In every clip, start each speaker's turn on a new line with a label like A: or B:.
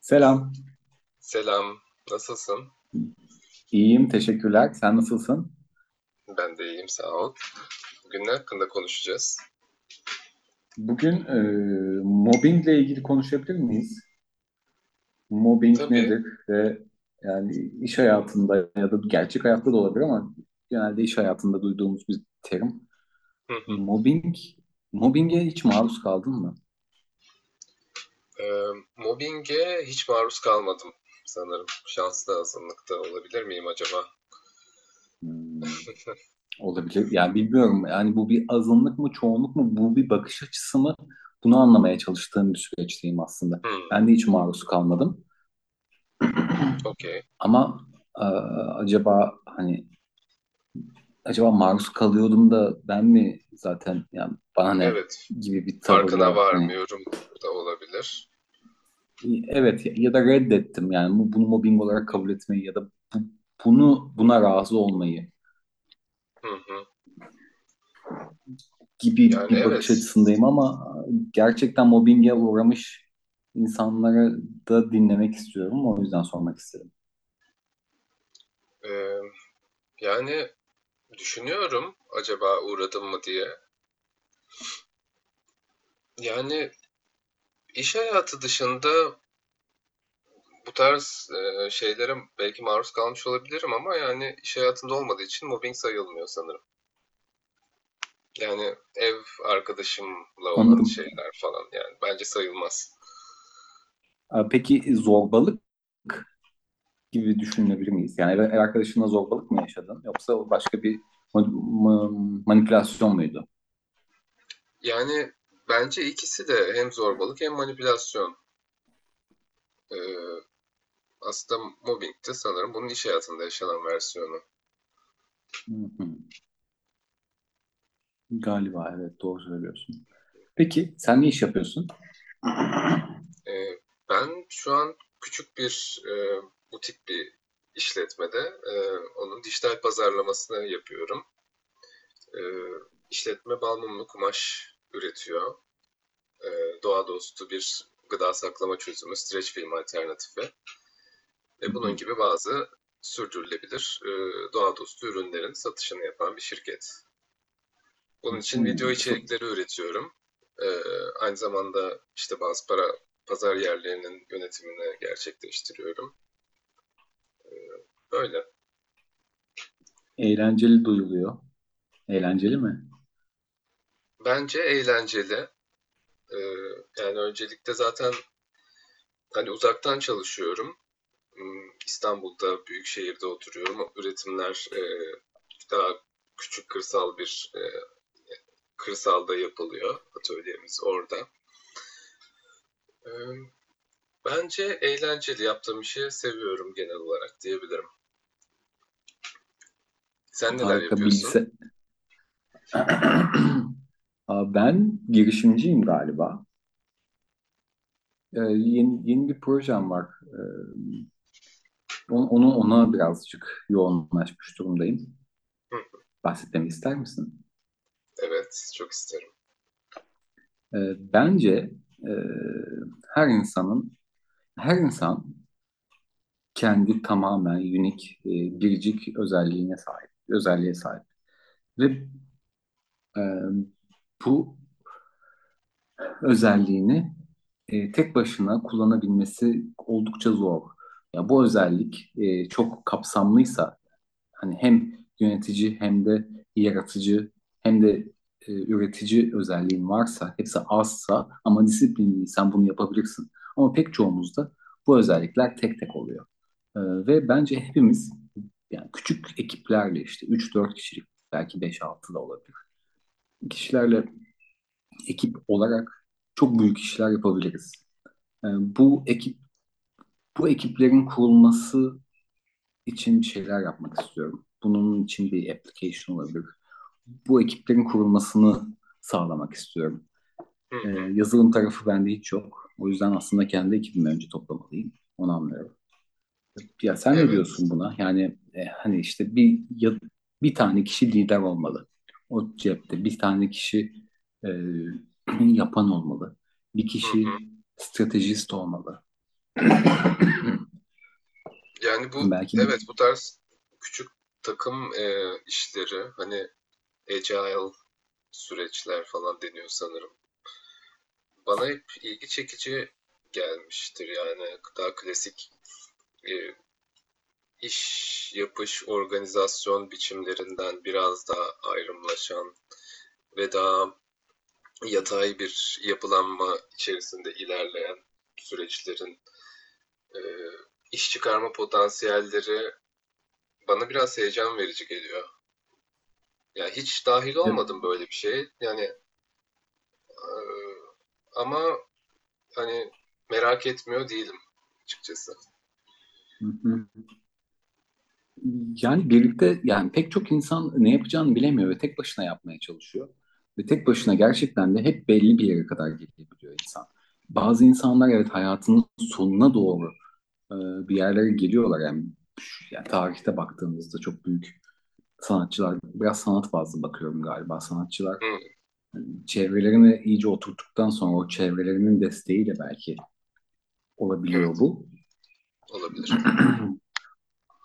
A: Selam.
B: Selam, nasılsın?
A: İyiyim, teşekkürler. Sen nasılsın?
B: Ben de iyiyim, sağ ol. Bugün ne hakkında konuşacağız?
A: Bugün mobbingle ilgili konuşabilir miyiz? Mobbing
B: Tabii.
A: nedir ve yani iş hayatında ya da gerçek hayatta da olabilir ama genelde iş hayatında duyduğumuz bir terim.
B: Hı hı.
A: Mobbing, mobbinge hiç maruz kaldın mı?
B: Ee, Mobbinge hiç maruz kalmadım sanırım. Şanslı azınlıkta olabilir miyim acaba?
A: Hmm, olabilir. Yani bilmiyorum. Yani bu bir azınlık mı, çoğunluk mu? Bu bir bakış açısı mı? Bunu anlamaya çalıştığım bir süreçteyim aslında.
B: Hmm,
A: Ben de hiç maruz kalmadım.
B: okey.
A: Ama e, acaba hani acaba maruz kalıyordum da ben mi zaten yani bana ne
B: Evet,
A: gibi bir
B: farkına
A: tavırla hani
B: varmıyorum da olabilir.
A: evet ya, ya da reddettim yani bunu mobbing olarak kabul etmeyi ya da bu- bunu buna razı olmayı
B: Hı hı.
A: gibi
B: Yani
A: bir bakış
B: evet.
A: açısındayım ama gerçekten mobbinge uğramış insanları da dinlemek istiyorum o yüzden sormak istedim.
B: Ee, Yani düşünüyorum acaba uğradım mı diye. Yani iş hayatı dışında bu tarz şeylere belki maruz kalmış olabilirim ama yani iş hayatında olmadığı için mobbing sayılmıyor sanırım. Yani ev arkadaşımla olan
A: Anladım.
B: şeyler falan, yani bence sayılmaz.
A: Peki zorbalık gibi düşünebilir miyiz? Yani ev arkadaşınla zorbalık mı yaşadın yoksa başka bir manipülasyon muydu?
B: Yani bence ikisi de hem zorbalık hem manipülasyon. E, Aslında mobbing de sanırım bunun iş hayatında yaşanan versiyonu.
A: Hı hı. Galiba evet doğru söylüyorsun. Peki sen ne iş yapıyorsun?
B: E, Ben şu an küçük bir butik bir işletmede e, onun dijital pazarlamasını yapıyorum. E, işletme bal mumlu kumaş üretiyor. E, Doğa dostu bir gıda saklama çözümü, streç film alternatifi
A: Hı
B: ve bunun
A: hı.
B: gibi bazı sürdürülebilir doğa dostu ürünlerin satışını yapan bir şirket. Bunun
A: Hı.
B: için video
A: So-
B: içerikleri üretiyorum. E, Aynı zamanda işte bazı pazar yerlerinin yönetimini gerçekleştiriyorum. Böyle.
A: Eğlenceli duyuluyor. Eğlenceli mi?
B: Bence eğlenceli. E, Yani öncelikle zaten hani uzaktan çalışıyorum. İstanbul'da büyük şehirde oturuyorum. Üretimler daha küçük kırsal bir kırsalda yapılıyor. Atölyemiz orada. E, Bence eğlenceli, yaptığım işi seviyorum genel olarak diyebilirim. Sen neler
A: Harika
B: yapıyorsun?
A: bilgisayar. Aa, ben girişimciyim galiba. Yeni bir projem var. Onu ona birazcık yoğunlaşmış durumdayım.
B: Hı,
A: Bahsetmemi ister misin?
B: evet, çok isterim.
A: Bence e, her insanın her insan kendi tamamen biricik özelliğine özelliğe sahip. Ve e, bu özelliğini tek başına kullanabilmesi oldukça zor. Ya bu özellik çok kapsamlıysa hani hem yönetici hem de yaratıcı hem de üretici özelliğin varsa, hepsi azsa ama disiplinliysen bunu yapabilirsin. Ama pek çoğumuzda bu özellikler tek tek oluyor. Ve bence hepimiz yani küçük ekiplerle işte üç dört kişilik belki beş altı da olabilir. Kişilerle ekip olarak çok büyük işler yapabiliriz. E, bu ekiplerin kurulması için bir şeyler yapmak istiyorum. Bunun için bir application olabilir, bu ekiplerin kurulmasını sağlamak istiyorum.
B: Hı hı,
A: Yazılım tarafı bende hiç yok. O yüzden aslında kendi ekibimi önce toplamalıyım. Onu anlıyorum. Ya sen ne diyorsun
B: evet.
A: buna? Yani hani işte bir tane kişi lider olmalı. O cepte bir tane kişi e, yapan olmalı. Bir
B: Hı
A: kişi
B: hı.
A: stratejist olmalı.
B: Yani bu,
A: Belki bir,
B: evet, bu tarz küçük takım işleri, hani agile süreçler falan deniyor sanırım. Bana hep ilgi çekici gelmiştir, yani daha klasik e, iş yapış organizasyon biçimlerinden biraz daha ayrımlaşan ve daha yatay bir yapılanma içerisinde ilerleyen süreçlerin e, iş çıkarma potansiyelleri bana biraz heyecan verici geliyor. Yani hiç dahil
A: e,
B: olmadım böyle bir şeye, yani e, ama hani merak etmiyor değilim açıkçası.
A: hı hı. Yani birlikte yani pek çok insan ne yapacağını bilemiyor ve tek başına yapmaya çalışıyor. Ve tek başına gerçekten de hep belli bir yere kadar gelebiliyor insan. Bazı insanlar evet hayatının sonuna doğru e, bir yerlere geliyorlar. Yani, yani tarihte baktığımızda çok büyük sanatçılar, biraz sanat fazla bakıyorum galiba. Sanatçılar
B: Hı,
A: çevrelerini iyice oturttuktan sonra o çevrelerinin desteğiyle belki olabiliyor
B: evet
A: bu.
B: olabilir.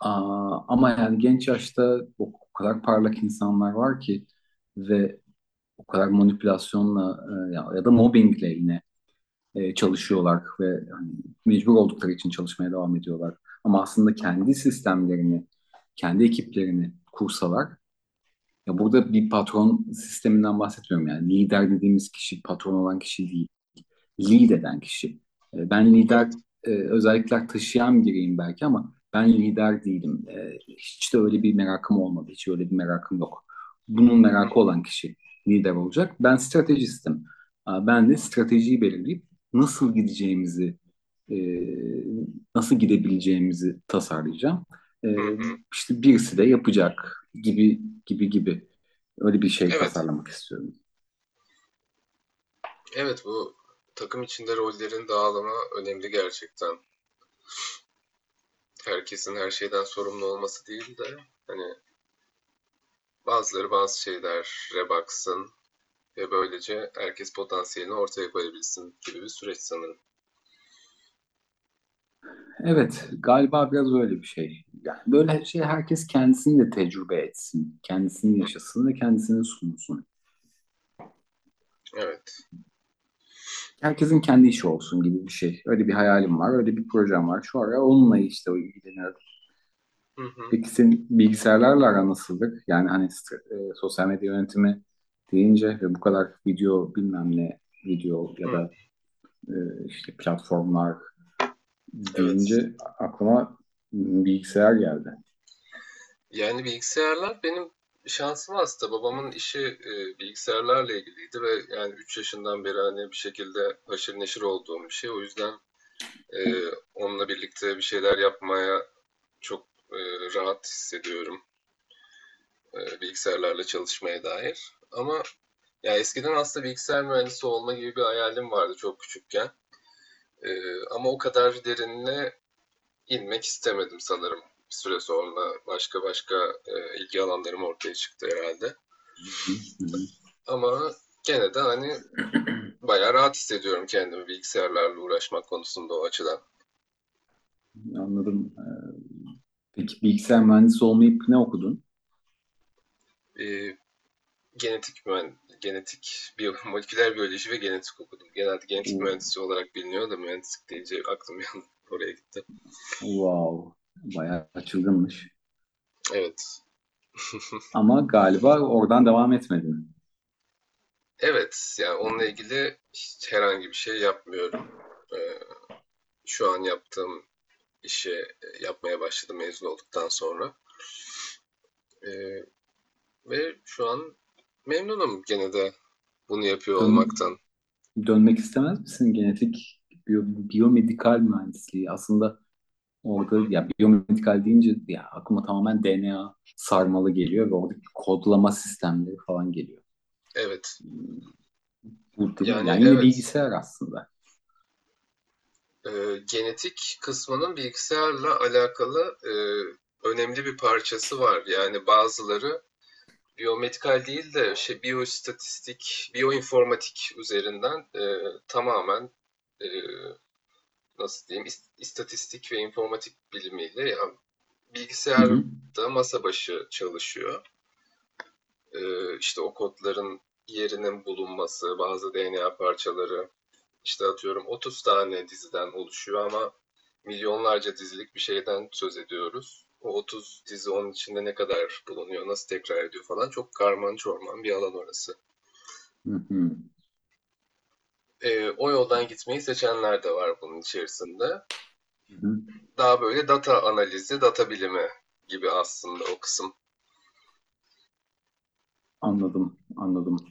A: Aa, ama yani genç yaşta o kadar parlak insanlar var ki ve o kadar manipülasyonla ya da mobbingle yine çalışıyorlar ve hani, mecbur oldukları için çalışmaya devam ediyorlar. Ama aslında kendi sistemlerini, kendi ekiplerini kursalar, ya burada bir patron sisteminden bahsetmiyorum yani. Lider dediğimiz kişi patron olan kişi değil. Lead eden kişi. Ben lider
B: Evet.
A: özellikler taşıyan biriyim belki ama ben lider değilim. Hiç de öyle bir merakım olmadı. Hiç öyle bir merakım yok. Bunun merakı olan kişi lider olacak. Ben stratejistim. Aa, ben de stratejiyi belirleyip nasıl gideceğimizi, e, nasıl gidebileceğimizi tasarlayacağım. E,
B: Hı hı.
A: işte birisi de yapacak gibi gibi gibi. Öyle bir şey
B: Evet.
A: tasarlamak istiyorum.
B: Evet, bu takım içinde rollerin dağılımı önemli gerçekten. Herkesin her şeyden sorumlu olması değil de, hani bazıları bazı şeylere baksın ve böylece herkes potansiyelini ortaya koyabilsin gibi bir süreç sanırım.
A: Evet, galiba biraz öyle bir şey. Yani böyle şey herkes kendisini de tecrübe etsin. Kendisini yaşasın ve kendisini sunsun.
B: Evet.
A: Herkesin kendi işi olsun gibi bir şey. Öyle bir hayalim var, öyle bir projem var. Şu ara onunla işte o ilgileniyorum.
B: Hı hı.
A: Peki senin bilgisayarlarla aran nasıldır? Yani hani sosyal medya yönetimi deyince ve bu kadar video bilmem ne video ya
B: Hı.
A: da e, işte platformlar
B: Evet.
A: deyince aklıma bilgisayar geldi.
B: Yani bilgisayarlar benim şansım aslında. Babamın işi bilgisayarlarla ilgiliydi ve yani 3 yaşından beri hani bir şekilde haşır neşir olduğum bir şey. O yüzden e, onunla birlikte bir şeyler yapmaya çok e, rahat hissediyorum bilgisayarlarla çalışmaya dair. Ama ya eskiden aslında bilgisayar mühendisi olma gibi bir hayalim vardı çok küçükken. E, Ama o kadar derinine inmek istemedim sanırım. Bir süre sonra başka başka ilgi alanlarım ortaya çıktı herhalde.
A: Hı hı, hı hı.
B: Ama gene de hani bayağı rahat hissediyorum kendimi bilgisayarlarla uğraşmak konusunda, o açıdan.
A: Anladım. Peki bilgisayar mühendisi olmayıp ne okudun?
B: E, genetik, biyo moleküler biyoloji ve genetik okudum. Genelde genetik
A: O-
B: mühendisi olarak biliniyor da, mühendislik deyince aklım bir oraya gitti.
A: Wow. Bayağı çılgınmış.
B: Evet.
A: Ama galiba oradan devam etmedin.
B: Evet, yani onunla ilgili hiç herhangi bir şey yapmıyorum. Ee, Şu an yaptığım işi yapmaya başladım mezun olduktan sonra. Ee, Ve şu an memnunum gene de bunu yapıyor
A: Dön-
B: olmaktan.
A: dönmek istemez misin? Genetik biyomedikal mühendisliği. Aslında
B: Hı hı.
A: orada ya biyomedikal deyince ya aklıma tamamen DNA sarmalı geliyor ve orada kodlama sistemleri falan geliyor.
B: Evet.
A: Bu değil mi?
B: Yani
A: Yani yine
B: evet.
A: bilgisayar aslında.
B: e, Genetik kısmının bilgisayarla alakalı önemli bir parçası var. Yani bazıları biyomedikal değil de şey, biyoistatistik, biyoinformatik üzerinden tamamen e, nasıl diyeyim, istatistik ve informatik bilimiyle, yani
A: Hı hı.
B: bilgisayarda masa başı çalışıyor. E, işte o kodların yerinin bulunması, bazı DNA parçaları, işte atıyorum 30 tane diziden oluşuyor ama milyonlarca dizilik bir şeyden söz ediyoruz. O 30 dizi onun içinde ne kadar bulunuyor, nasıl tekrar ediyor falan; çok karman çorman bir alan orası.
A: Hı hı.
B: O yoldan gitmeyi seçenler de var bunun içerisinde.
A: Hı hı.
B: Daha böyle data analizi, data bilimi gibi aslında o kısım.
A: Anladım, anladım.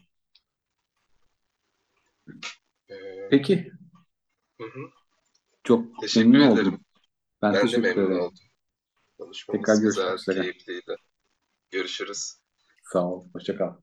B: Ee,
A: Peki,
B: hı hı.
A: çok
B: Teşekkür
A: memnun
B: ederim.
A: oldum. Ben
B: Ben de
A: teşekkür
B: memnun
A: ederim.
B: oldum.
A: Tekrar
B: Konuşmamız
A: görüşmek
B: güzeldi,
A: üzere.
B: keyifliydi. Görüşürüz.
A: Sağ ol, hoşça kal.